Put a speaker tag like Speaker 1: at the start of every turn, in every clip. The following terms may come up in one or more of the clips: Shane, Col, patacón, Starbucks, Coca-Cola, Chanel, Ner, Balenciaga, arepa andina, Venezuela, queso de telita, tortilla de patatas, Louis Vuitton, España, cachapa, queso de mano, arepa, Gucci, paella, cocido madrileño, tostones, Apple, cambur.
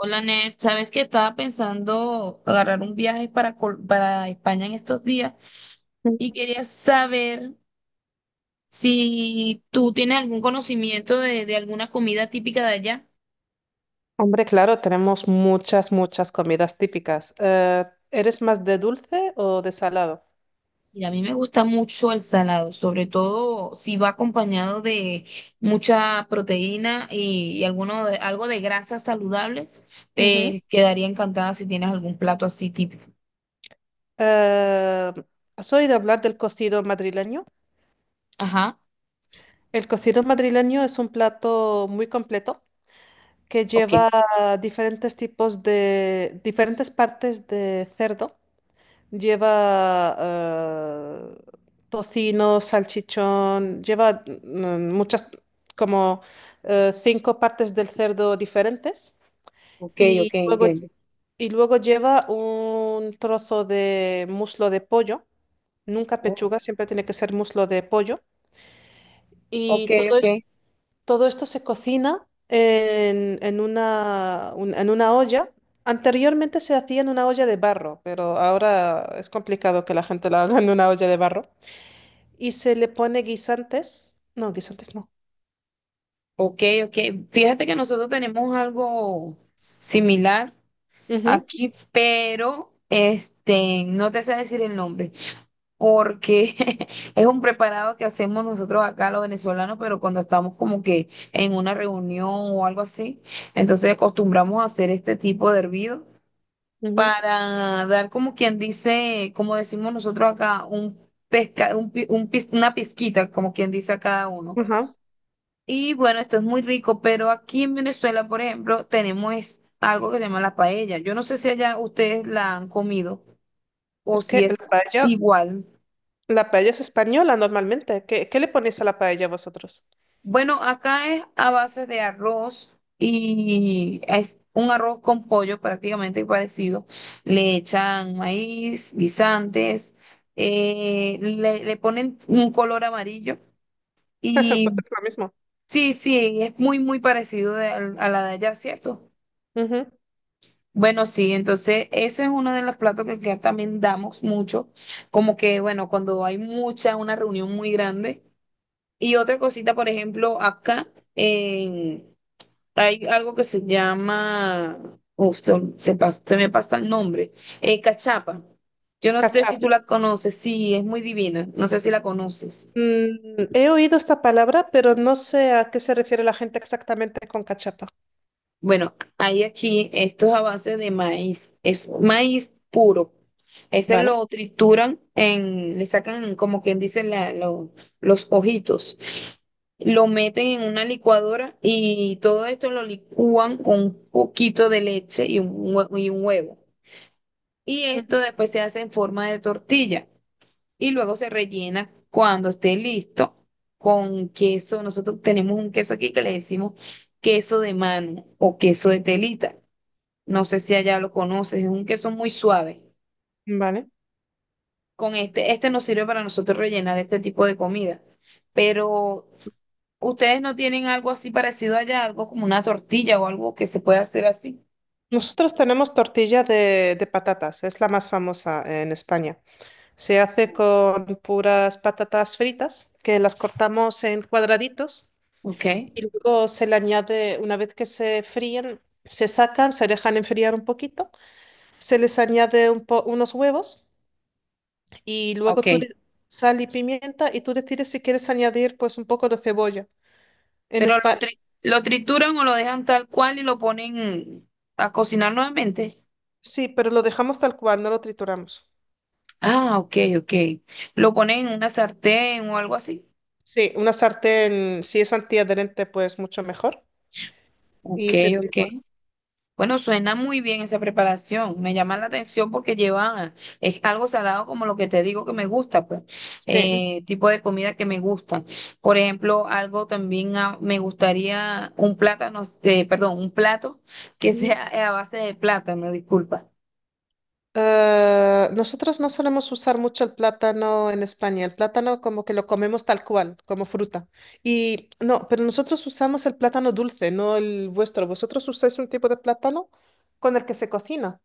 Speaker 1: Hola, Ner, sabes que estaba pensando agarrar un viaje para, para España en estos días y quería saber si tú tienes algún conocimiento de alguna comida típica de allá.
Speaker 2: Hombre, claro, tenemos muchas comidas típicas. ¿Eres más de dulce o de salado?
Speaker 1: Y a mí me gusta mucho el salado, sobre todo si va acompañado de mucha proteína y algo de grasas saludables.
Speaker 2: Ujú.
Speaker 1: Quedaría encantada si tienes algún plato así típico.
Speaker 2: Eh, ¿Has oído hablar del cocido madrileño?
Speaker 1: Ajá.
Speaker 2: El cocido madrileño es un plato muy completo que
Speaker 1: Ok,
Speaker 2: lleva diferentes tipos diferentes partes de cerdo. Lleva tocino, salchichón, lleva muchas, como cinco partes del cerdo diferentes.
Speaker 1: ok, ok,
Speaker 2: Y luego,
Speaker 1: entiendo.
Speaker 2: y luego lleva un trozo de muslo de pollo, nunca
Speaker 1: Oh,
Speaker 2: pechuga, siempre tiene que ser muslo de pollo.
Speaker 1: ok,
Speaker 2: Y todo, es-
Speaker 1: ok.
Speaker 2: Todo esto se cocina en una olla. Anteriormente se hacía en una olla de barro, pero ahora es complicado que la gente la haga en una olla de barro. Y se le pone guisantes. No, guisantes no.
Speaker 1: Ok, ok. Fíjate que nosotros tenemos algo similar
Speaker 2: Ujú,
Speaker 1: aquí, pero este, no te sé decir el nombre, porque es un preparado que hacemos nosotros acá los venezolanos, pero cuando estamos como que en una reunión o algo así, entonces acostumbramos a hacer este tipo de hervido para dar como quien dice, como decimos nosotros acá, un pesca, un pi- un pis- una pizquita, como quien dice a cada uno.
Speaker 2: ujú. Ajá.
Speaker 1: Y bueno, esto es muy rico, pero aquí en Venezuela, por ejemplo, tenemos algo que se llama la paella. Yo no sé si allá ustedes la han comido o
Speaker 2: Es que
Speaker 1: si es igual.
Speaker 2: la paella es española normalmente. ¿Qué le ponéis a la paella vosotros?
Speaker 1: Bueno, acá es a base de arroz y es un arroz con pollo prácticamente parecido. Le echan maíz, guisantes, le ponen un color amarillo
Speaker 2: Pues
Speaker 1: y
Speaker 2: es lo mismo.
Speaker 1: sí, sí, es muy parecido a la de allá, ¿cierto?
Speaker 2: Ujú.
Speaker 1: Bueno, sí, entonces ese es uno de los platos que acá también damos mucho, como que, bueno, cuando hay mucha, una reunión muy grande. Y otra cosita, por ejemplo, acá eh, hay algo que se llama, uf, se me pasa el nombre, cachapa. Yo no sé si
Speaker 2: Cachar.
Speaker 1: tú la conoces, sí, es muy divina, no sé si la conoces.
Speaker 2: Mm, he oído esta palabra, pero no sé a qué se refiere la gente exactamente con cachapa.
Speaker 1: Bueno, hay aquí estos avances de maíz, es maíz puro. Ese
Speaker 2: Vale.
Speaker 1: lo trituran en, le sacan como quien dice los ojitos, lo meten en una licuadora y todo esto lo licúan con un poquito de leche y un, y un huevo. Y esto
Speaker 2: Ujú.
Speaker 1: después se hace en forma de tortilla y luego se rellena cuando esté listo con queso. Nosotros tenemos un queso aquí que le decimos queso de mano o queso de telita. No sé si allá lo conoces, es un queso muy suave.
Speaker 2: Vale.
Speaker 1: Con este nos sirve para nosotros rellenar este tipo de comida. Pero ustedes no tienen algo así parecido allá, algo como una tortilla o algo que se pueda hacer así.
Speaker 2: Nosotros tenemos tortilla de patatas, es la más famosa en España. Se hace con puras patatas fritas, que las cortamos en cuadraditos
Speaker 1: Ok,
Speaker 2: y luego se le añade, una vez que se fríen, se sacan, se dejan enfriar un poquito, se les añade unos huevos y luego
Speaker 1: ok.
Speaker 2: sal y pimienta, y tú decides si quieres añadir pues un poco de cebolla. En
Speaker 1: Pero lo,
Speaker 2: España,
Speaker 1: lo trituran o lo dejan tal cual y lo ponen a cocinar nuevamente.
Speaker 2: sí, pero lo dejamos tal cual, no lo trituramos.
Speaker 1: Ah, ok, ok. Lo ponen en una sartén o algo así.
Speaker 2: Sí, una sartén, si es antiadherente, pues mucho mejor
Speaker 1: Ok,
Speaker 2: y se
Speaker 1: ok.
Speaker 2: tritura.
Speaker 1: Bueno, suena muy bien esa preparación. Me llama la atención porque lleva, es algo salado como lo que te digo que me gusta, pues,
Speaker 2: Sí.
Speaker 1: tipo de comida que me gusta. Por ejemplo, algo también ah, me gustaría un plátano, perdón, un plato que
Speaker 2: Ujú.
Speaker 1: sea a base de plátano, disculpa.
Speaker 2: Nosotros no solemos usar mucho el plátano en España. El plátano como que lo comemos tal cual, como fruta. Y no, pero nosotros usamos el plátano dulce, no el vuestro. Vosotros usáis un tipo de plátano con el que se cocina.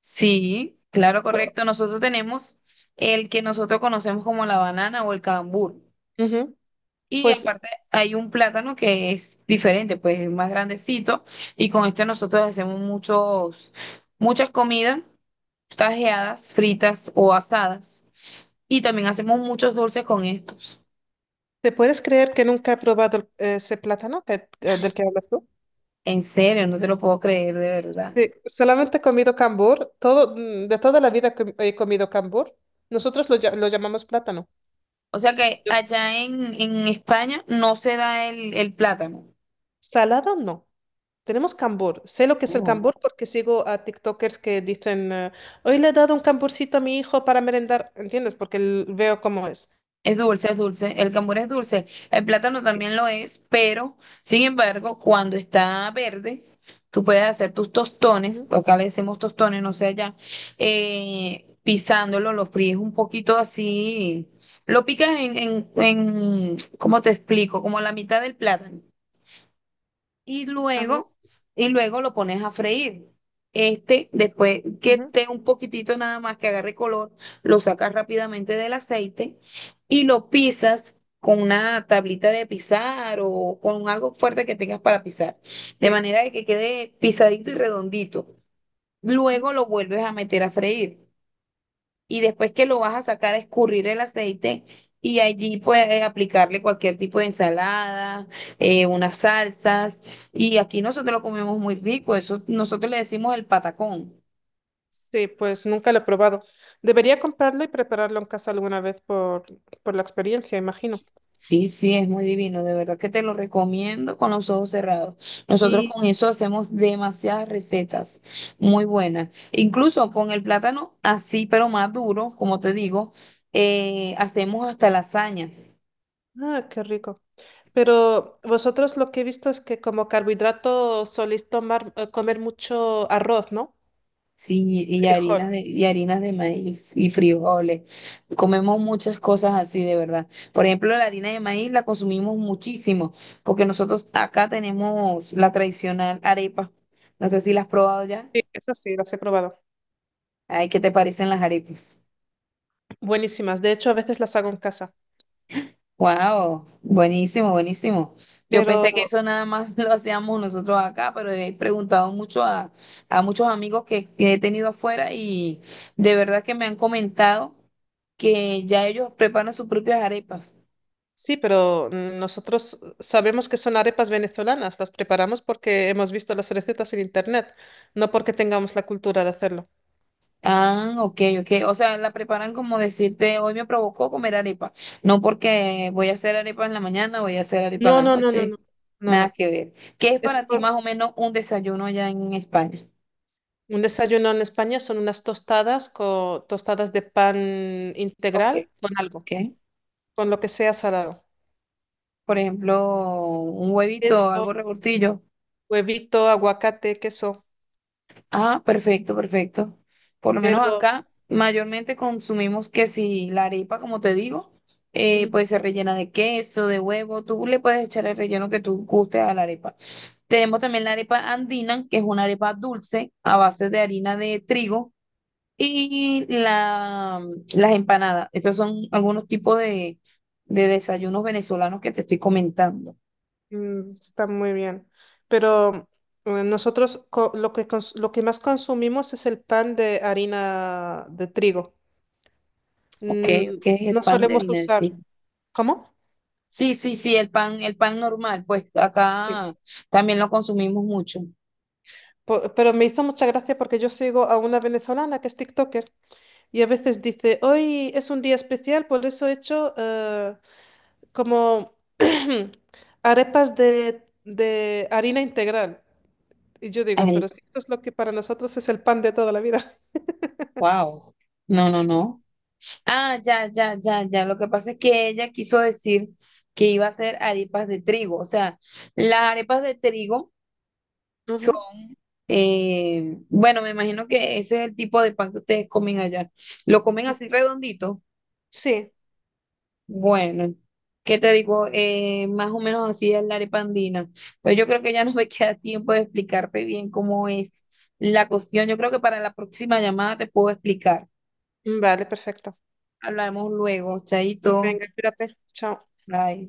Speaker 1: Sí, claro, correcto. Nosotros tenemos el que nosotros conocemos como la banana o el cambur.
Speaker 2: Ujú.
Speaker 1: Y
Speaker 2: Pues
Speaker 1: aparte hay un plátano que es diferente, pues es más grandecito. Y con este nosotros hacemos muchos, muchas comidas tajeadas, fritas o asadas. Y también hacemos muchos dulces con estos.
Speaker 2: ¿te puedes creer que nunca he probado ese plátano del que hablas tú?
Speaker 1: En serio, no te lo puedo creer de verdad.
Speaker 2: Sí, solamente he comido cambur, todo, de toda la vida que he comido cambur. Nosotros lo llamamos plátano.
Speaker 1: O sea que
Speaker 2: Yo-
Speaker 1: allá en España no se da el plátano.
Speaker 2: Salado no. Tenemos cambur. Sé lo que es el
Speaker 1: Oh.
Speaker 2: cambur porque sigo a TikTokers que dicen, hoy le he dado un camburcito a mi hijo para merendar. ¿Entiendes? Porque veo cómo es.
Speaker 1: Es dulce, es dulce. El cambur es dulce. El plátano
Speaker 2: Sí.
Speaker 1: también lo es, pero sin embargo, cuando está verde, tú puedes hacer tus tostones,
Speaker 2: Ujú,
Speaker 1: acá le decimos tostones, no sé allá, pisándolo, lo fríes un poquito así, lo picas ¿cómo te explico? Como la mitad del plátano y
Speaker 2: ajá,
Speaker 1: luego, y luego lo pones a freír. Este, después que
Speaker 2: ujú,
Speaker 1: esté un poquitito nada más que agarre color, lo sacas rápidamente del aceite y lo pisas con una tablita de pisar o con algo fuerte que tengas para pisar, de
Speaker 2: sí,
Speaker 1: manera de que quede pisadito y redondito.
Speaker 2: ujú.
Speaker 1: Luego lo vuelves a meter a freír y después que lo vas a sacar, escurrir el aceite y allí puedes aplicarle cualquier tipo de ensalada, unas salsas. Y aquí nosotros lo comemos muy rico, eso nosotros le decimos el patacón.
Speaker 2: Sí, pues nunca lo he probado. Debería comprarlo y prepararlo en casa alguna vez por la experiencia, imagino.
Speaker 1: Sí, sí, es muy divino, de verdad que te lo recomiendo con los ojos cerrados. Nosotros
Speaker 2: Y,
Speaker 1: con eso hacemos demasiadas recetas muy buenas. Incluso con el plátano así, pero más duro, como te digo, hacemos hasta lasaña.
Speaker 2: ah, qué rico. Pero vosotros lo que he visto es que como carbohidrato soléis tomar, comer mucho arroz, ¿no?
Speaker 1: Sí,
Speaker 2: Frijol.
Speaker 1: y harinas de maíz y frijoles. Comemos muchas cosas así, de verdad. Por ejemplo, la harina de maíz la consumimos muchísimo, porque nosotros acá tenemos la tradicional arepa. No sé si la has probado ya.
Speaker 2: Sí, esas sí, las he probado.
Speaker 1: Ay, ¿qué te parecen las arepas?
Speaker 2: Buenísimas. De hecho, a veces las hago en casa.
Speaker 1: Wow, buenísimo, buenísimo. Yo
Speaker 2: Pero
Speaker 1: pensé que eso nada más lo hacíamos nosotros acá, pero he preguntado mucho a muchos amigos que he tenido afuera y de verdad que me han comentado que ya ellos preparan sus propias arepas.
Speaker 2: sí, pero nosotros sabemos que son arepas venezolanas. Las preparamos porque hemos visto las recetas en internet, no porque tengamos la cultura de hacerlo.
Speaker 1: Ah, ok, ok. O sea, la preparan como decirte, hoy me provocó comer arepa. No porque voy a hacer arepa en la mañana, voy a hacer arepa en
Speaker 2: No,
Speaker 1: la
Speaker 2: no, no, no,
Speaker 1: noche.
Speaker 2: no. No,
Speaker 1: Nada
Speaker 2: no.
Speaker 1: que ver. ¿Qué es
Speaker 2: Es
Speaker 1: para ti más
Speaker 2: por,
Speaker 1: o menos un desayuno allá en España?
Speaker 2: un desayuno en España son unas tostadas con tostadas de pan
Speaker 1: Ok,
Speaker 2: integral con algo,
Speaker 1: ok.
Speaker 2: con lo que sea salado.
Speaker 1: Por ejemplo, un huevito,
Speaker 2: Queso,
Speaker 1: algo revoltillo.
Speaker 2: huevito, aguacate, queso.
Speaker 1: Ah, perfecto, perfecto. Por lo menos
Speaker 2: Pero
Speaker 1: acá mayormente consumimos que si la arepa, como te digo,
Speaker 2: ujú.
Speaker 1: pues se rellena de queso, de huevo, tú le puedes echar el relleno que tú gustes a la arepa. Tenemos también la arepa andina, que es una arepa dulce a base de harina de trigo y las empanadas. Estos son algunos tipos de desayunos venezolanos que te estoy comentando.
Speaker 2: Mm, está muy bien. Pero nosotros lo que lo que más consumimos es el pan de harina de trigo.
Speaker 1: Ok,
Speaker 2: Mm,
Speaker 1: ok, el
Speaker 2: no
Speaker 1: pan de
Speaker 2: solemos
Speaker 1: harina de
Speaker 2: usar.
Speaker 1: trigo.
Speaker 2: ¿Cómo?
Speaker 1: Sí, sí, sí, el pan normal, pues
Speaker 2: Sí.
Speaker 1: acá también lo consumimos mucho.
Speaker 2: Pero me hizo mucha gracia porque yo sigo a una venezolana que es TikToker, y a veces dice, hoy es un día especial, por eso he hecho como arepas de harina integral. Y yo digo,
Speaker 1: Ay,
Speaker 2: pero si esto es lo que para nosotros es el pan de toda la vida.
Speaker 1: wow. No, no, no. Ah, ya, ya, ya, ya. Lo que pasa es que ella quiso decir que iba a hacer arepas de trigo. O sea, las arepas de trigo son,
Speaker 2: Ujú.
Speaker 1: bueno, me imagino que ese es el tipo de pan que ustedes comen allá. ¿Lo comen así redondito?
Speaker 2: Sí,
Speaker 1: Bueno, ¿qué te digo? Más o menos así es la arepa andina. Pues yo creo que ya no me queda tiempo de explicarte bien cómo es la cuestión. Yo creo que para la próxima llamada te puedo explicar.
Speaker 2: vale, perfecto.
Speaker 1: Hablamos luego, chaito.
Speaker 2: Venga, espérate. Chao.
Speaker 1: Bye.